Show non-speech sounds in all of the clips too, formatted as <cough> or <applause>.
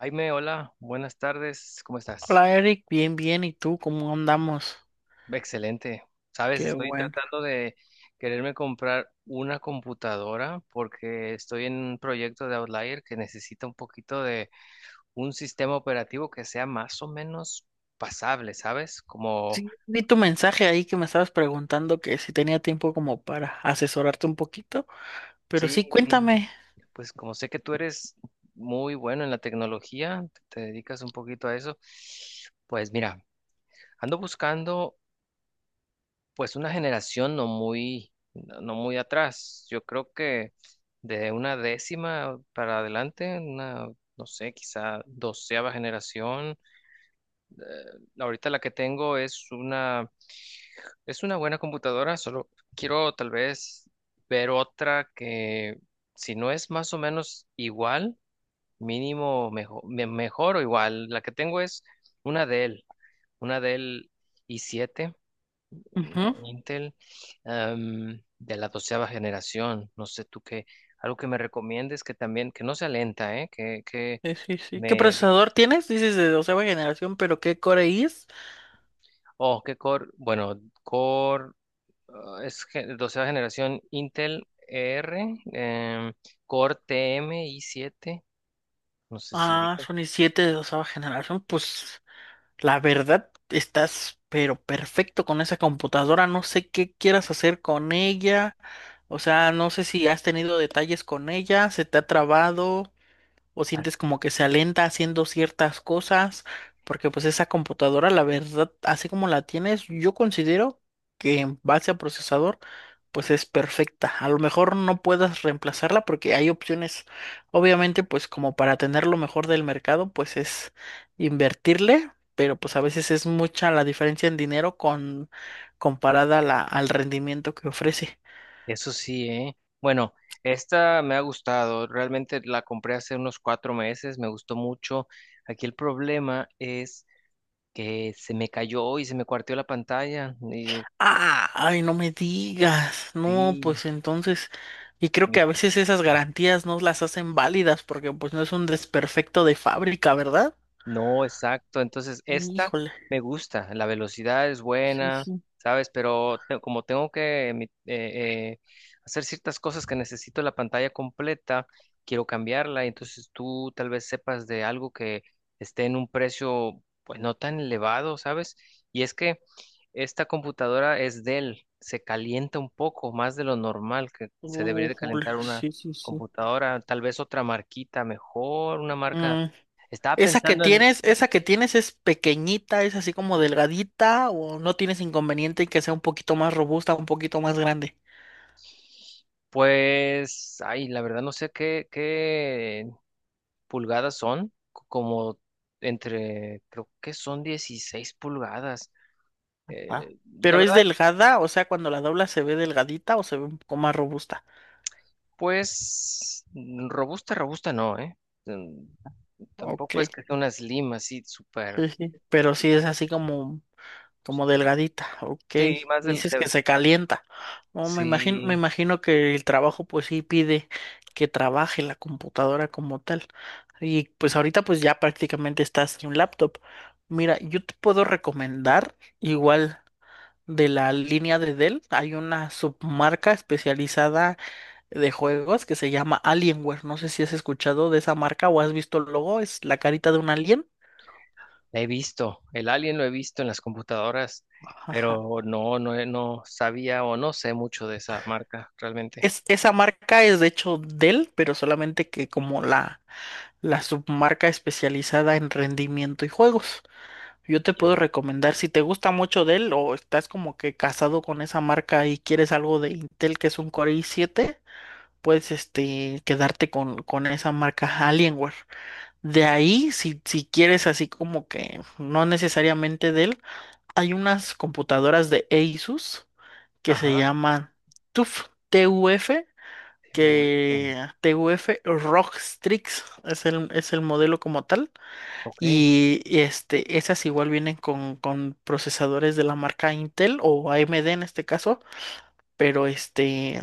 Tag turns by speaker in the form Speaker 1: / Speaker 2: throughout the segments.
Speaker 1: Jaime, hola, buenas tardes, ¿cómo estás?
Speaker 2: Hola Eric, bien, bien, ¿y tú cómo andamos?
Speaker 1: Excelente. Sabes,
Speaker 2: Qué
Speaker 1: estoy
Speaker 2: bueno.
Speaker 1: tratando de quererme comprar una computadora porque estoy en un proyecto de Outlier que necesita un poquito de un sistema operativo que sea más o menos pasable, ¿sabes?
Speaker 2: Sí, vi tu mensaje ahí que me estabas preguntando que si tenía tiempo como para asesorarte un poquito, pero sí,
Speaker 1: Sí, sí,
Speaker 2: cuéntame.
Speaker 1: pues como sé que tú eres muy bueno en la tecnología, te dedicas un poquito a eso, pues mira, ando buscando pues una generación no muy, no muy atrás. Yo creo que de una décima para adelante, una, no sé, quizá doceava generación. Eh, ahorita la que tengo es una buena computadora, solo quiero tal vez ver otra que, si no es más o menos igual, mínimo mejor, mejor o igual. La que tengo es una Dell, una Dell i7
Speaker 2: Ujú.
Speaker 1: Intel de la doceava generación. No sé tú qué, algo que me recomiendes que también, que no sea lenta, ¿eh?
Speaker 2: Sí, sí, sí. ¿Qué
Speaker 1: Me,
Speaker 2: procesador tienes? Dices de doceava generación, pero ¿qué Core i es?
Speaker 1: oh, qué core, bueno, core, ah, es doceava generación Intel E R, core TM i7, no sé si
Speaker 2: Ah,
Speaker 1: ubicas.
Speaker 2: son i7 de doceava generación. Pues la verdad, estás pero perfecto con esa computadora. No sé qué quieras hacer con ella. O sea, no sé si has tenido detalles con ella, se te ha trabado o
Speaker 1: Ah,
Speaker 2: sientes como que se alenta haciendo ciertas cosas, porque pues esa computadora, la verdad, así como la tienes, yo considero que en base a procesador, pues es perfecta. A lo mejor no puedas reemplazarla porque hay opciones, obviamente, pues como para tener lo mejor del mercado, pues es invertirle, pero pues a veces es mucha la diferencia en dinero con comparada a al rendimiento que ofrece.
Speaker 1: eso sí, ¿eh? Bueno. Esta me ha gustado, realmente la compré hace unos cuatro meses, me gustó mucho. Aquí el problema es que se me cayó y se me cuarteó la pantalla.
Speaker 2: Ah, ay, no me digas. No,
Speaker 1: Sí,
Speaker 2: pues entonces, y creo
Speaker 1: y
Speaker 2: que a veces esas garantías no las hacen válidas porque pues no es un desperfecto de fábrica, ¿verdad?
Speaker 1: no, exacto. Entonces, esta
Speaker 2: Híjole.
Speaker 1: me gusta, la velocidad es
Speaker 2: Sí,
Speaker 1: buena,
Speaker 2: sí.
Speaker 1: ¿sabes? Como tengo que hacer ciertas cosas que necesito la pantalla completa, quiero cambiarla. Entonces, tú tal vez sepas de algo que esté en un precio, pues no tan elevado, ¿sabes? Y es que esta computadora es Dell, se calienta un poco más de lo normal que se debería de
Speaker 2: Híjole,
Speaker 1: calentar una
Speaker 2: sí, sí, sí.
Speaker 1: computadora, tal vez otra marquita mejor, una marca.
Speaker 2: Mm.
Speaker 1: Estaba pensando en...
Speaker 2: Esa que tienes es pequeñita, es así como delgadita o no tienes inconveniente en que sea un poquito más robusta, un poquito más grande?
Speaker 1: Pues, ay, la verdad no sé qué, qué pulgadas son, como entre, creo que son 16 pulgadas.
Speaker 2: Ah.
Speaker 1: Eh, la
Speaker 2: Pero es
Speaker 1: verdad,
Speaker 2: delgada, o sea, cuando la dobla se ve delgadita o se ve un poco más robusta.
Speaker 1: pues, mm, robusta, robusta no, ¿eh? Mm,
Speaker 2: Ok,
Speaker 1: Tampoco es que sea una slim así, súper.
Speaker 2: sí, sí. Pero sí es así como. Como delgadita, ok.
Speaker 1: Sí,
Speaker 2: Dices que se calienta. No, me
Speaker 1: sí,
Speaker 2: imagino que el trabajo pues sí pide que trabaje la computadora como tal. Y pues ahorita pues ya prácticamente estás en un laptop. Mira, yo te puedo recomendar igual de la línea de Dell, hay una submarca especializada de juegos que se llama Alienware. No sé si has escuchado de esa marca o has visto el logo, es la carita de un alien.
Speaker 1: la he visto, el alien lo he visto en las computadoras,
Speaker 2: Ajá.
Speaker 1: pero no, no, no sabía o no sé mucho de esa marca realmente.
Speaker 2: Es, esa marca es de hecho Dell, pero solamente que como la submarca especializada en rendimiento y juegos. Yo te puedo
Speaker 1: Ya.
Speaker 2: recomendar, si te gusta mucho Dell o estás como que casado con esa marca y quieres algo de Intel que es un Core i7, puedes este, quedarte con esa marca Alienware. De ahí, si quieres así como que no necesariamente Dell, hay unas computadoras de Asus que se
Speaker 1: Ajá.
Speaker 2: llaman TUF, TUF
Speaker 1: TUF.
Speaker 2: que TUF Rockstrix es el modelo como tal.
Speaker 1: Ok.
Speaker 2: Este, esas igual vienen con procesadores de la marca Intel o AMD en este caso, pero este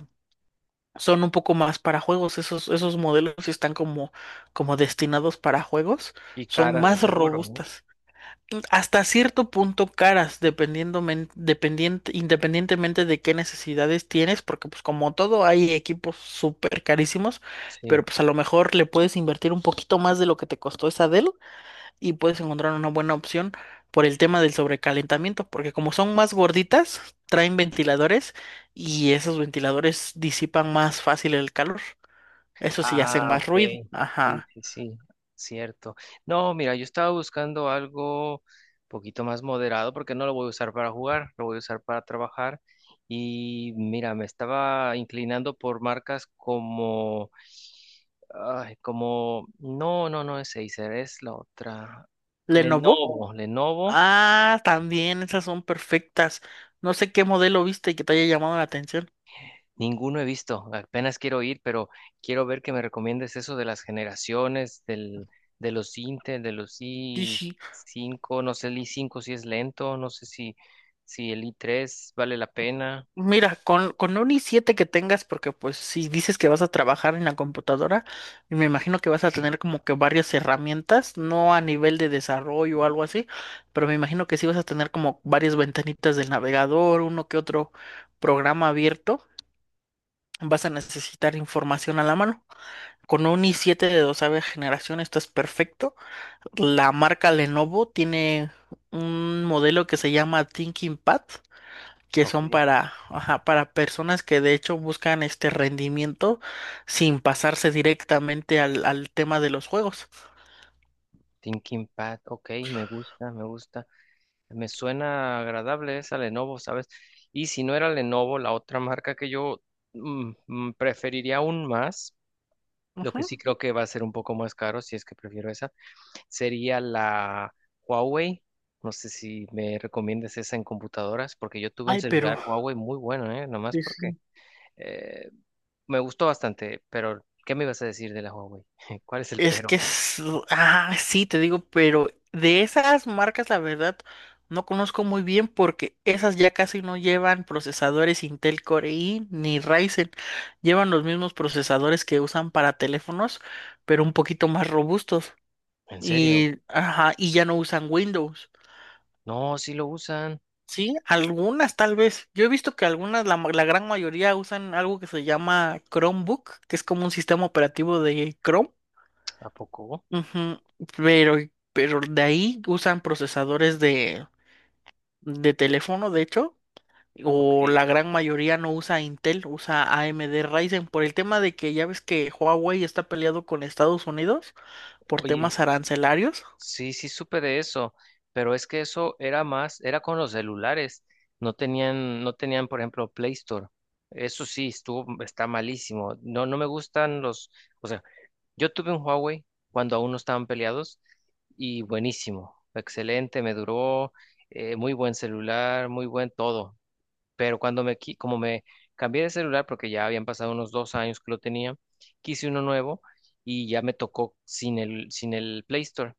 Speaker 2: son un poco más para juegos. Esos modelos sí están como, como destinados para juegos,
Speaker 1: Y
Speaker 2: son
Speaker 1: caras de
Speaker 2: más
Speaker 1: seguro, ¿no?
Speaker 2: robustas hasta cierto punto caras, dependiendo, independientemente de qué necesidades tienes, porque pues como todo hay equipos súper carísimos, pero
Speaker 1: Sí.
Speaker 2: pues a lo mejor le puedes invertir un poquito más de lo que te costó esa Dell y puedes encontrar una buena opción por el tema del sobrecalentamiento, porque como son más gorditas, traen ventiladores y esos ventiladores disipan más fácil el calor. Eso sí, hacen
Speaker 1: Ah,
Speaker 2: más
Speaker 1: ok.
Speaker 2: ruido.
Speaker 1: Sí,
Speaker 2: Ajá.
Speaker 1: sí, sí. Cierto. No, mira, yo estaba buscando algo un poquito más moderado porque no lo voy a usar para jugar, lo voy a usar para trabajar. Y mira, me estaba inclinando por marcas como, ay, como, no, no, no es Acer, es la otra.
Speaker 2: Lenovo.
Speaker 1: Lenovo.
Speaker 2: Ah, también, esas son perfectas. No sé qué modelo viste y que te haya llamado la atención.
Speaker 1: Ninguno he visto, apenas quiero ir, pero quiero ver que me recomiendes eso de las generaciones, del, de los Intel, de los
Speaker 2: Sí, sí.
Speaker 1: i5, no sé el i5 si es lento, no sé si, si el i3 vale la pena.
Speaker 2: Mira, con un i7 que tengas, porque pues si dices que vas a trabajar en la computadora, y me imagino que vas a tener como que varias herramientas, no a nivel de desarrollo o algo así, pero me imagino que sí vas a tener como varias ventanitas del navegador, uno que otro programa abierto. Vas a necesitar información a la mano. Con un i7 de doceava generación estás perfecto. La marca Lenovo tiene un modelo que se llama ThinkPad, que
Speaker 1: Ok,
Speaker 2: son para, ajá, para personas que de hecho buscan este rendimiento sin pasarse directamente al tema de los juegos.
Speaker 1: Thinking Pad, ok, me gusta, me gusta. Me suena agradable esa Lenovo, ¿sabes? Y si no era Lenovo, la otra marca que yo mm, mm, preferiría aún más, lo que
Speaker 2: Ujú.
Speaker 1: sí creo que va a ser un poco más caro, si es que prefiero esa sería la Huawei. No sé si me recomiendas esa en computadoras, porque yo tuve un
Speaker 2: Ay, pero
Speaker 1: celular Huawei muy bueno, ¿eh? Nomás
Speaker 2: sí,
Speaker 1: porque
Speaker 2: sí.
Speaker 1: eh, me gustó bastante, pero ¿qué me ibas a decir de la Huawei? <laughs> ¿Cuál es el
Speaker 2: Es que
Speaker 1: pero?
Speaker 2: es... Ah, sí, te digo, pero de esas marcas, la verdad, no conozco muy bien porque esas ya casi no llevan procesadores Intel Core i ni Ryzen. Llevan los mismos procesadores que usan para teléfonos, pero un poquito más robustos.
Speaker 1: ¿En serio?
Speaker 2: Y, ajá, y ya no usan Windows.
Speaker 1: No, sí lo usan.
Speaker 2: Sí, algunas tal vez. Yo he visto que algunas, la gran mayoría usan algo que se llama Chromebook, que es como un sistema operativo de Chrome.
Speaker 1: ¿A poco?
Speaker 2: Ujú. Pero, pero de ahí usan procesadores de teléfono, de hecho,
Speaker 1: Ok.
Speaker 2: o la gran mayoría no usa Intel, usa AMD Ryzen, por el tema de que ya ves que Huawei está peleado con Estados Unidos por
Speaker 1: Oye,
Speaker 2: temas arancelarios.
Speaker 1: sí, sí supe de eso, pero es que eso era más, era con los celulares. No tenían, no tenían, por ejemplo, Play Store. Eso sí, estuvo, está malísimo. No, no me gustan los... O sea, yo tuve un Huawei cuando aún no estaban peleados y buenísimo, excelente, me duró, muy buen celular, muy buen todo. Pero cuando me, como me cambié de celular, porque ya habían pasado unos dos años que lo tenía, quise uno nuevo y ya me tocó sin el, sin el Play Store.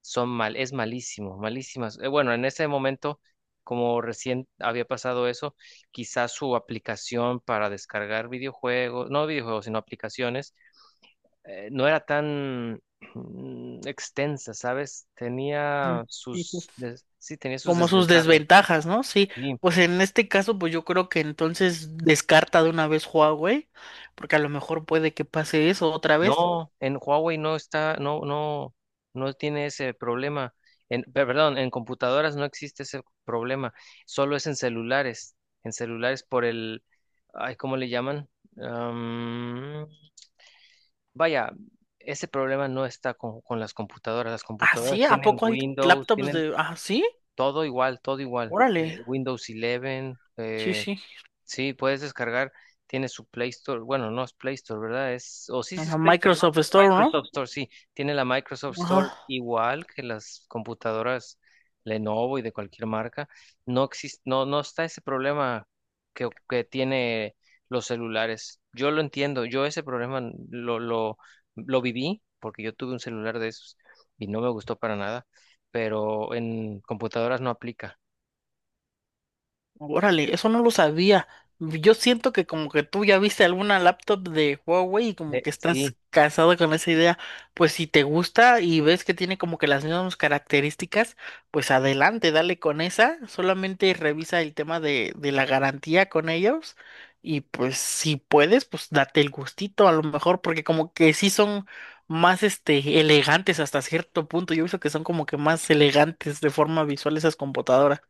Speaker 1: Son mal, es malísimo, malísimas. Bueno, en ese momento, como recién había pasado eso, quizás su aplicación para descargar videojuegos, no videojuegos, sino aplicaciones no era tan mm, extensa, ¿sabes?
Speaker 2: Ujú. Sí, sí.
Speaker 1: Sí, tenía sus
Speaker 2: Como sus
Speaker 1: desventajas.
Speaker 2: desventajas, ¿no? Sí,
Speaker 1: Sí,
Speaker 2: pues en este caso, pues yo creo que entonces descarta de una vez Huawei, porque a lo mejor puede que pase eso otra vez.
Speaker 1: no, en Huawei no está, no, no, no tiene ese problema. Perdón, en computadoras no existe ese problema, solo es en celulares por el, ay, ¿cómo le llaman? Am, vaya, ese problema no está con las computadoras. Las
Speaker 2: ¿Ah,
Speaker 1: computadoras
Speaker 2: sí? ¿A
Speaker 1: tienen
Speaker 2: poco hay
Speaker 1: Windows,
Speaker 2: laptops
Speaker 1: tienen
Speaker 2: de... Ah, sí?
Speaker 1: todo igual, todo igual.
Speaker 2: Órale,
Speaker 1: Windows 11,
Speaker 2: sí, sí.
Speaker 1: sí, puedes descargar, tiene su Play Store, bueno, no es Play Store, ¿verdad? Es, o sí, sí es
Speaker 2: Ajá,
Speaker 1: Play Store, ¿no?
Speaker 2: Microsoft Store, ¿no?
Speaker 1: Microsoft Store, sí, tiene la Microsoft Store
Speaker 2: Ajá.
Speaker 1: igual que las computadoras Lenovo y de cualquier marca. No existe, no, no está ese problema que tiene los celulares. Yo lo entiendo, yo ese problema lo, lo, lo viví porque yo tuve un celular de esos y no me gustó para nada, pero en computadoras no aplica.
Speaker 2: Órale, eso no lo sabía. Yo siento que como que tú ya viste alguna laptop de Huawei y como que
Speaker 1: Sí.
Speaker 2: estás casado con esa idea. Pues si te gusta y ves que tiene como que las mismas características, pues adelante, dale con esa. Solamente revisa el tema de la garantía con ellos. Y pues si puedes, pues date el gustito a lo mejor, porque como que sí son más este elegantes hasta cierto punto. Yo he visto que son como que más elegantes de forma visual esas computadoras.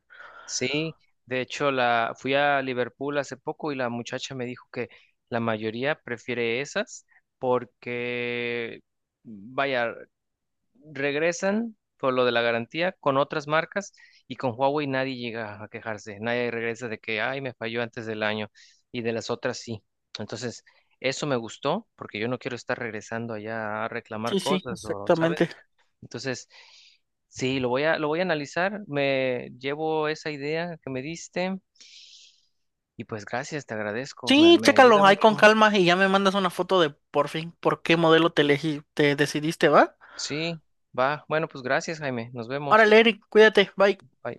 Speaker 1: Sí, de hecho la fui a Liverpool hace poco y la muchacha me dijo que la mayoría prefiere esas porque, vaya, regresan por lo de la garantía con otras marcas y con Huawei nadie llega a quejarse, nadie regresa de que, ay, me falló antes del año y de las otras sí. Entonces, eso me gustó porque yo no quiero estar regresando allá a reclamar
Speaker 2: Sí, sí,
Speaker 1: cosas o, ¿sabes?
Speaker 2: exactamente.
Speaker 1: Entonces, sí, lo voy a analizar. Me llevo esa idea que me diste y pues gracias, te agradezco.
Speaker 2: Sí,
Speaker 1: Me ayuda
Speaker 2: chécalo ahí con
Speaker 1: mucho.
Speaker 2: calma y ya me mandas una foto de por fin por qué modelo te elegí, te decidiste, ¿va?
Speaker 1: Sí, va. Bueno, pues gracias, Jaime. Nos vemos.
Speaker 2: Órale, Eric, cuídate, bye.
Speaker 1: Bye.